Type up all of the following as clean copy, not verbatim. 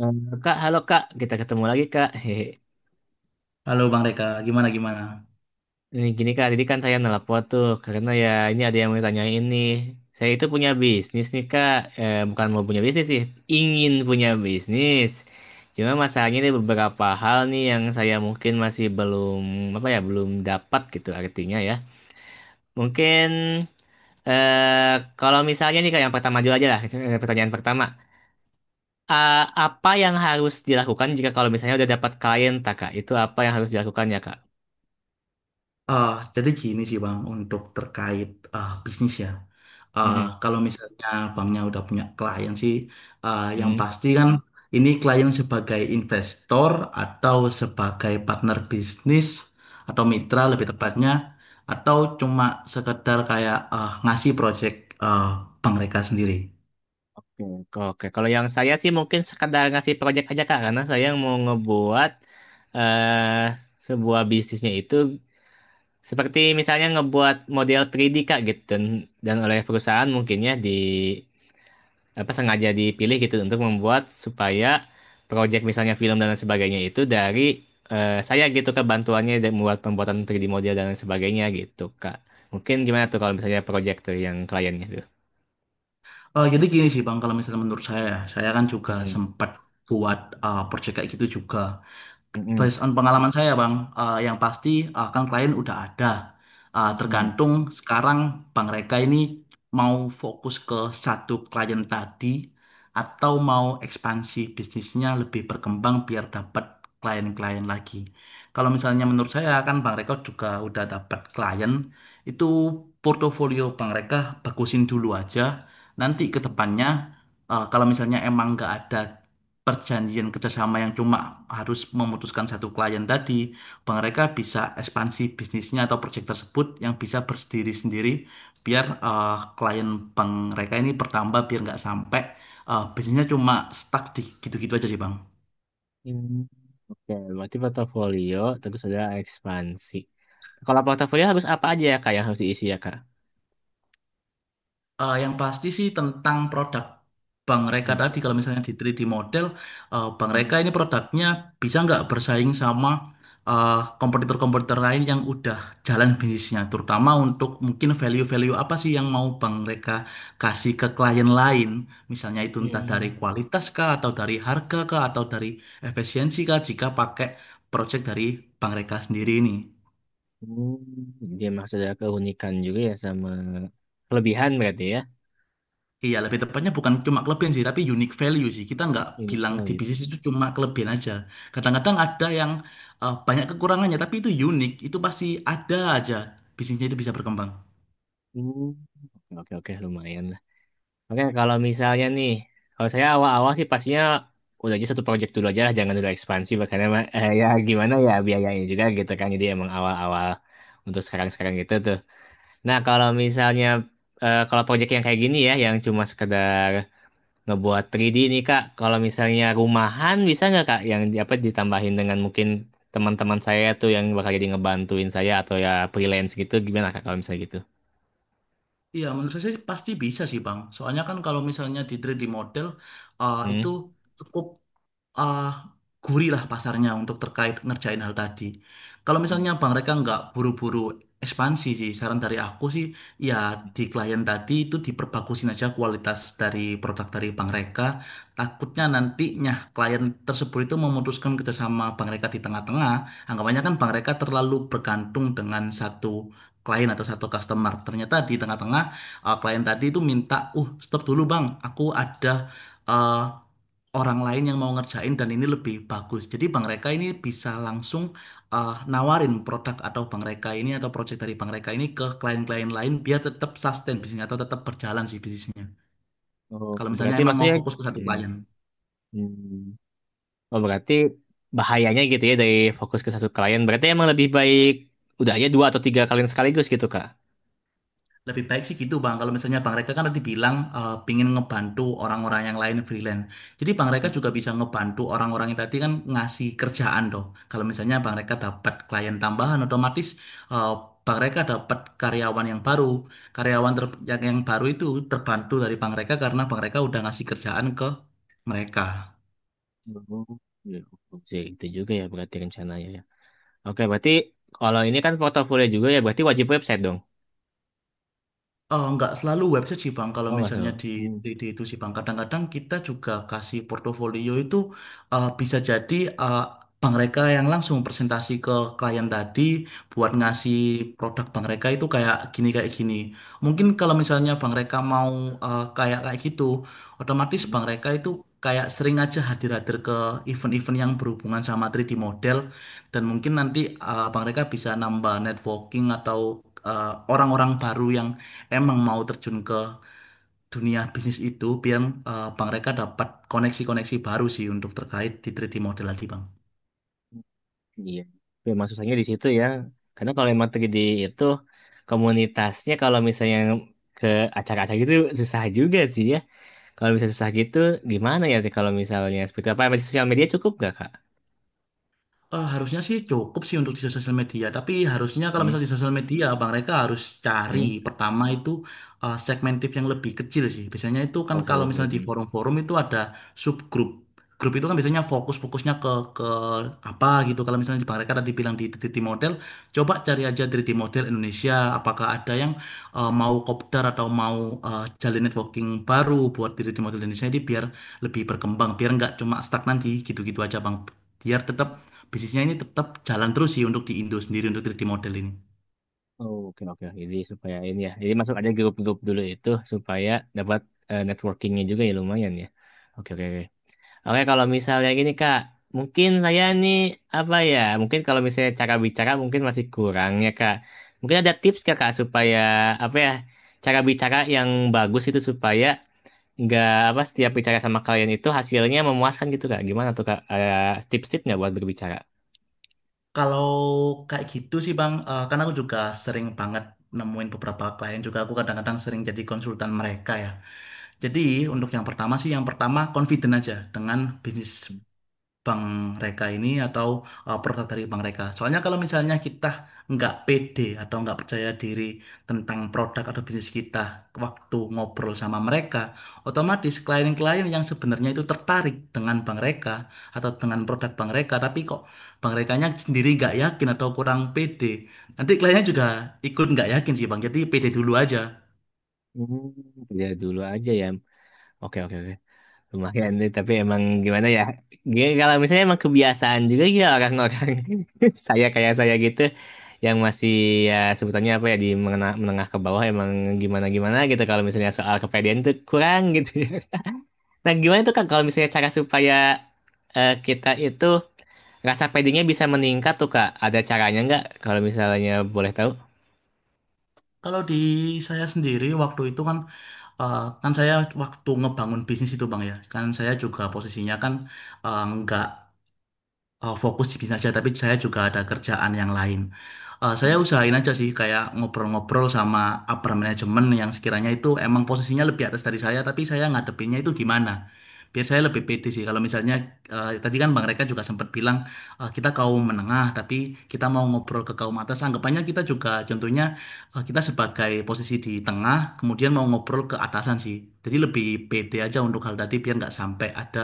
Eh, Kak, halo Kak, kita ketemu lagi Kak. Hehe. Halo Bang Reka, gimana gimana? Ini gini Kak, tadi kan saya nelpon tuh karena ya ini ada yang mau tanya ini. Saya itu punya bisnis nih Kak, bukan mau punya bisnis sih, ingin punya bisnis. Cuma masalahnya ada beberapa hal nih yang saya mungkin masih belum apa ya, belum dapat gitu artinya ya. Mungkin kalau misalnya nih Kak, yang pertama dulu aja lah, pertanyaan pertama. Apa yang harus dilakukan jika kalau misalnya udah dapat klien, tak, Kak? Itu apa yang harus dilakukan ya, Kak? Ah, jadi gini sih Bang, untuk terkait bisnis ya. Mm-mm, Kalau misalnya Bangnya udah punya klien sih, yang mm-mm, pasti kan ini klien sebagai investor atau sebagai partner bisnis atau mm-mm. mitra lebih tepatnya, atau cuma sekedar kayak ngasih project ah, Bang Reka sendiri. Oke, oke, oke. Kalau yang saya sih mungkin sekedar ngasih project aja Kak, karena saya mau ngebuat eh sebuah bisnisnya itu seperti misalnya ngebuat model 3D Kak gitu dan oleh perusahaan mungkinnya di apa sengaja dipilih gitu untuk membuat supaya project misalnya film dan lain sebagainya itu dari saya gitu Kak bantuannya dan membuat pembuatan 3D model dan lain sebagainya gitu Kak. Mungkin gimana tuh kalau misalnya project tuh yang kliennya tuh? Jadi gini sih Bang, kalau misalnya menurut saya, ya, saya kan juga Mm-mm, sempat buat project kayak gitu juga. mm-mm, Based on pengalaman saya, Bang, yang pasti kan klien udah ada. Mm-mm. Tergantung sekarang Bang Reka ini mau fokus ke satu klien tadi atau mau ekspansi bisnisnya lebih berkembang biar dapat klien-klien lagi. Kalau misalnya menurut saya kan Bang Reka juga udah dapat klien, itu portofolio Bang Reka bagusin dulu aja. Nanti Hmm, ke sih. depannya kalau misalnya emang nggak ada perjanjian kerjasama yang cuma harus memutuskan satu klien tadi, mereka bisa ekspansi bisnisnya atau proyek tersebut yang bisa berdiri sendiri biar klien bank mereka ini bertambah biar nggak sampai bisnisnya cuma stuck di gitu-gitu aja sih bang. Hmm. Oke, berarti portofolio terus ada ekspansi. Kalau portofolio harus apa aja ya kak yang harus diisi ya kak? Yang pasti sih tentang produk Bang Reka Nggak tadi, produk. kalau misalnya di 3D model, Bang Hmm. Reka ini produknya bisa nggak bersaing sama eh, kompetitor-kompetitor lain yang udah jalan bisnisnya, terutama untuk mungkin value-value apa sih yang mau Bang Reka kasih ke klien lain, misalnya itu entah dari Hmm. kualitas kah, atau dari harga kah, atau dari efisiensi kah, jika pakai project dari Bang Reka sendiri ini. Hmm. Jadi emang sudah keunikan juga ya sama kelebihan berarti ya. Iya, lebih tepatnya bukan cuma kelebihan sih, tapi unique value sih. Kita nggak Unique bilang di value. bisnis itu cuma kelebihan aja. Kadang-kadang ada yang banyak kekurangannya, tapi itu unik. Itu pasti ada aja bisnisnya itu bisa berkembang. Hmm. Oke, oke, oke, lumayan lah. Oke, kalau misalnya nih, kalau saya awal-awal sih pastinya udah aja satu project dulu aja lah, jangan dulu ekspansi, makanya mah, eh, ya gimana ya biayanya juga gitu kan. Jadi emang awal-awal untuk sekarang-sekarang gitu tuh. Nah, kalau misalnya kalau project yang kayak gini ya, yang cuma sekedar ngebuat 3D nih Kak, kalau misalnya rumahan bisa nggak Kak yang di- apa ditambahin dengan mungkin teman-teman saya tuh yang bakal jadi ngebantuin saya atau ya freelance gitu gimana Kak kalau misalnya gitu? Iya, menurut saya sih pasti bisa sih, Bang. Soalnya kan kalau misalnya di 3D model, Hmm? itu cukup ah, gurih lah pasarnya untuk terkait ngerjain hal tadi. Kalau Hmm. misalnya Bang mereka nggak buru-buru ekspansi sih, saran dari aku sih ya di klien tadi itu diperbagusin aja kualitas dari produk dari Bang mereka. Takutnya nantinya klien tersebut itu memutuskan kerjasama Bang mereka di tengah-tengah. Anggapannya kan Bang mereka terlalu bergantung dengan satu klien atau satu customer. Ternyata di tengah-tengah klien tadi itu minta, stop dulu Bang, aku ada ah, orang lain yang mau ngerjain dan ini lebih bagus. Jadi Bang Reka ini bisa langsung nawarin produk atau Bang Reka ini atau project dari Bang Reka ini ke klien-klien lain biar tetap sustain bisnisnya atau tetap berjalan sih bisnisnya. Oh, Kalau misalnya berarti emang mau maksudnya fokus ke satu hmm, klien. hmm. Oh, berarti bahayanya gitu ya dari fokus ke satu klien. Berarti emang lebih baik udah aja dua atau tiga klien sekaligus gitu Kak. Lebih baik sih gitu Bang, kalau misalnya Bang Reka kan tadi bilang pingin ngebantu orang-orang yang lain freelance. Jadi Bang Reka Ya. juga bisa ngebantu orang-orang yang tadi kan ngasih kerjaan dong. Kalau misalnya Bang Reka dapat klien tambahan, otomatis eh, Bang Reka dapat karyawan yang baru. Yang baru itu terbantu dari Bang Reka karena Bang Reka udah ngasih kerjaan ke mereka. Oh, ya, oh. Sih, itu juga ya berarti rencananya. Oke, berarti kalau ini kan portofolio juga ya, berarti wajib website dong. Nggak selalu website sih Bang, kalau Oh, nggak misalnya salah. Hmm. Di itu sih Bang. Kadang-kadang kita juga kasih portofolio itu bisa jadi eh, bank mereka yang langsung presentasi ke klien tadi buat Hmm. ngasih produk bang mereka itu kayak gini kayak gini. Mungkin kalau misalnya bang mereka mau kayak kayak gitu, otomatis Hmm. bang mereka itu kayak sering aja hadir-hadir ke event-event yang berhubungan sama 3D model dan mungkin nanti bank mereka bisa nambah networking atau orang-orang baru yang emang mau terjun ke dunia bisnis itu biar Bang Reka dapat koneksi-koneksi baru sih untuk terkait di 3D model tadi Bang. Iya. Memang susahnya di situ ya. Karena kalau emang 3D itu komunitasnya kalau misalnya ke acara-acara gitu susah juga sih ya. Kalau misalnya susah gitu gimana ya Teh, kalau misalnya seperti apa? Masih sosial media cukup nggak, Kak? Harusnya sih cukup sih untuk di sosial media, tapi harusnya kalau Hmm. misalnya di sosial media, Bang Reka harus cari Hmm. pertama itu segmentif yang lebih kecil sih. Biasanya itu kan Oh, kalau seperti misalnya itu. di Hmm. forum-forum itu ada subgroup. Grup itu kan biasanya fokus-fokusnya ke apa gitu. Kalau misalnya di Bang Reka tadi bilang di 3D model, coba cari aja 3D model Indonesia. Apakah ada yang mau kopdar atau mau jalin networking baru buat 3D model Indonesia ini biar lebih berkembang, biar nggak cuma stagnan di gitu-gitu aja, Bang. Biar tetap bisnisnya ini tetap jalan terus sih untuk di Indo sendiri untuk 3D model ini. Oh, oke, oke. Jadi supaya ini ya. Jadi masuk ada grup-grup dulu itu supaya dapat networkingnya juga ya lumayan ya. Oke, oke, oke. Oke, kalau misalnya gini Kak, mungkin saya nih apa ya? Mungkin kalau misalnya cara bicara mungkin masih kurang ya Kak. Mungkin ada tips nggak, Kak supaya apa ya? Cara bicara yang bagus itu supaya nggak apa setiap bicara sama kalian itu hasilnya memuaskan gitu Kak. Gimana tuh Kak? Ada tips-tipsnya buat berbicara? Kalau kayak gitu sih Bang, karena aku juga sering banget nemuin beberapa klien juga aku kadang-kadang sering jadi konsultan mereka ya. Jadi untuk yang pertama confident aja dengan bisnis bank mereka ini atau produk dari bank mereka. Soalnya kalau misalnya kita nggak pede atau nggak percaya diri tentang produk atau bisnis kita waktu ngobrol sama mereka, otomatis klien-klien yang sebenarnya itu tertarik dengan bank mereka atau dengan produk bank mereka, tapi kok bank merekanya sendiri nggak yakin atau kurang pede, nanti kliennya juga ikut nggak yakin sih bang. Jadi pede dulu aja. Hmm, lihat dulu aja ya. Oke, oke, oke. Lumayan nih, tapi emang gimana ya? G- Kalau misalnya emang kebiasaan juga ya orang-orang saya kayak saya gitu yang masih ya sebutannya apa ya di mengenah- menengah, ke bawah emang gimana-gimana gitu kalau misalnya soal kepedean tuh kurang gitu ya. Nah, gimana tuh Kak kalau misalnya cara supaya kita itu rasa pedenya bisa meningkat tuh Kak? Ada caranya nggak kalau misalnya boleh tahu? Kalau di saya sendiri waktu itu kan Eh, kan saya waktu ngebangun bisnis itu Bang ya, kan saya juga posisinya kan eh, nggak eh, fokus di bisnis aja, tapi saya juga ada kerjaan yang lain. Saya Hmm. usahain aja sih kayak ngobrol-ngobrol sama upper management yang sekiranya itu emang posisinya lebih atas dari saya tapi saya ngadepinnya itu gimana biar saya lebih pede sih kalau misalnya tadi kan Bang Reka juga sempat bilang kita kaum menengah tapi kita mau ngobrol ke kaum atas anggapannya kita juga contohnya kita sebagai posisi di tengah kemudian mau ngobrol ke atasan sih jadi lebih pede aja untuk hal tadi biar nggak sampai ada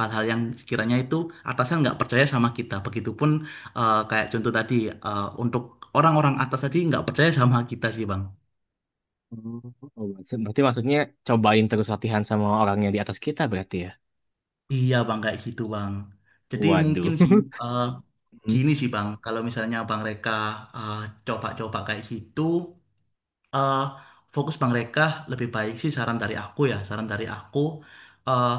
hal-hal yang sekiranya itu atasan nggak percaya sama kita begitupun kayak contoh tadi, untuk orang-orang atas tadi nggak percaya sama kita sih, Bang. Oh, berarti berarti maksudnya cobain terus latihan sama orang yang di atas kita berarti ya? Iya, Bang, kayak gitu, Bang. Jadi Waduh. mungkin sih eh, gini sih, Bang, kalau misalnya Bang Reka eh, coba-coba kayak gitu, eh, fokus Bang Reka lebih baik sih saran dari aku ya, saran dari aku, eh,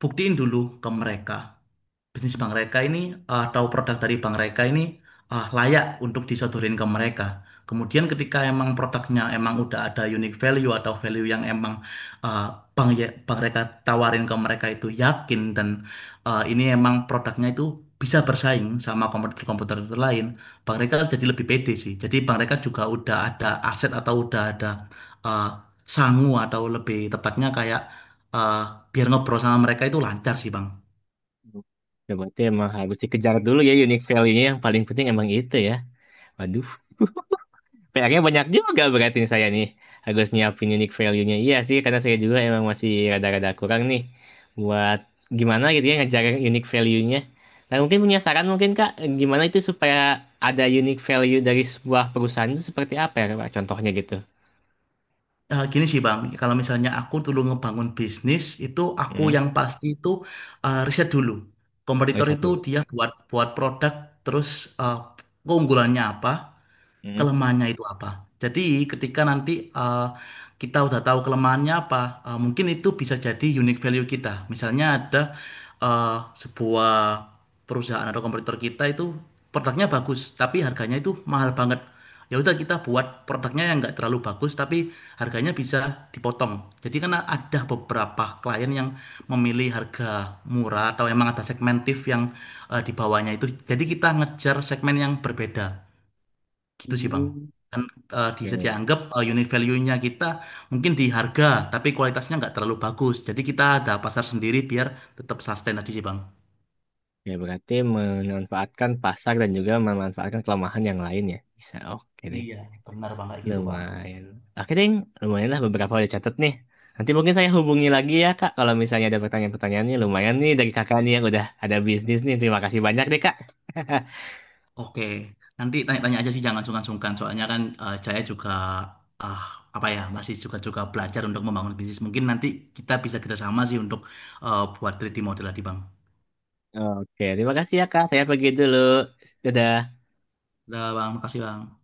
buktiin dulu ke mereka. Bisnis bank mereka ini atau produk dari bank mereka ini layak untuk disodorin ke mereka. Kemudian ketika emang produknya emang udah ada unique value atau value yang emang eh, bank mereka tawarin ke mereka itu yakin dan ini emang produknya itu bisa bersaing sama komputer-komputer itu lain, bank mereka jadi lebih pede sih. Jadi bank mereka juga udah ada aset atau udah ada eh, sangu atau lebih tepatnya kayak eh, biar ngobrol sama mereka itu lancar sih, Bang. Ya, berarti emang harus dikejar dulu ya unique value-nya yang paling penting emang itu ya. Waduh, PR-nya banyak juga berarti nih saya nih. Harus nyiapin unique value-nya. Iya sih, karena saya juga emang masih rada-rada kurang nih. Buat gimana gitu ya ngejar unique value-nya. Nah, mungkin punya saran mungkin Kak, gimana itu supaya ada unique value dari sebuah perusahaan itu seperti apa ya Kak? Contohnya gitu. Gini sih Bang, kalau misalnya aku dulu ngebangun bisnis itu aku Hmm, yang pasti itu riset dulu. Kompetitor riset itu dulu. dia buat buat produk terus eh, keunggulannya apa, Hmm. kelemahannya itu apa. Jadi ketika nanti kita udah tahu kelemahannya apa, mungkin itu bisa jadi unique value kita. Misalnya ada sebuah perusahaan atau kompetitor kita itu produknya bagus, tapi harganya itu mahal banget. Ya udah kita buat produknya yang nggak terlalu bagus, tapi harganya bisa dipotong. Jadi karena ada beberapa klien yang memilih harga murah atau emang ada segmentif yang di bawahnya itu. Jadi kita ngejar segmen yang berbeda. Gitu sih Bang. Hmm. Kan bisa Oke. dianggap unit value-nya kita mungkin di harga, tapi kualitasnya nggak terlalu bagus. Jadi kita ada pasar sendiri biar tetap sustain tadi sih Bang. Ya berarti memanfaatkan pasar dan juga memanfaatkan kelemahan yang lain ya. Bisa, oke deh. Iya, benar Bang kayak gitu Bang. Lumayan. Oke deh, lumayan lah beberapa udah catat nih. Nanti mungkin saya hubungi lagi ya Kak, kalau misalnya ada pertanyaan-pertanyaannya. Lumayan nih dari kakak nih yang udah ada bisnis nih. Terima kasih banyak deh Kak. Oke, nanti tanya-tanya aja sih jangan sungkan-sungkan. Soalnya kan Jaya juga ah apa ya masih juga juga belajar untuk membangun bisnis. Mungkin nanti kita bisa kerjasama sih untuk buat 3D model tadi Bang. Oke, terima kasih ya Kak. Saya pergi dulu. Dadah. Udah Bang, makasih Bang.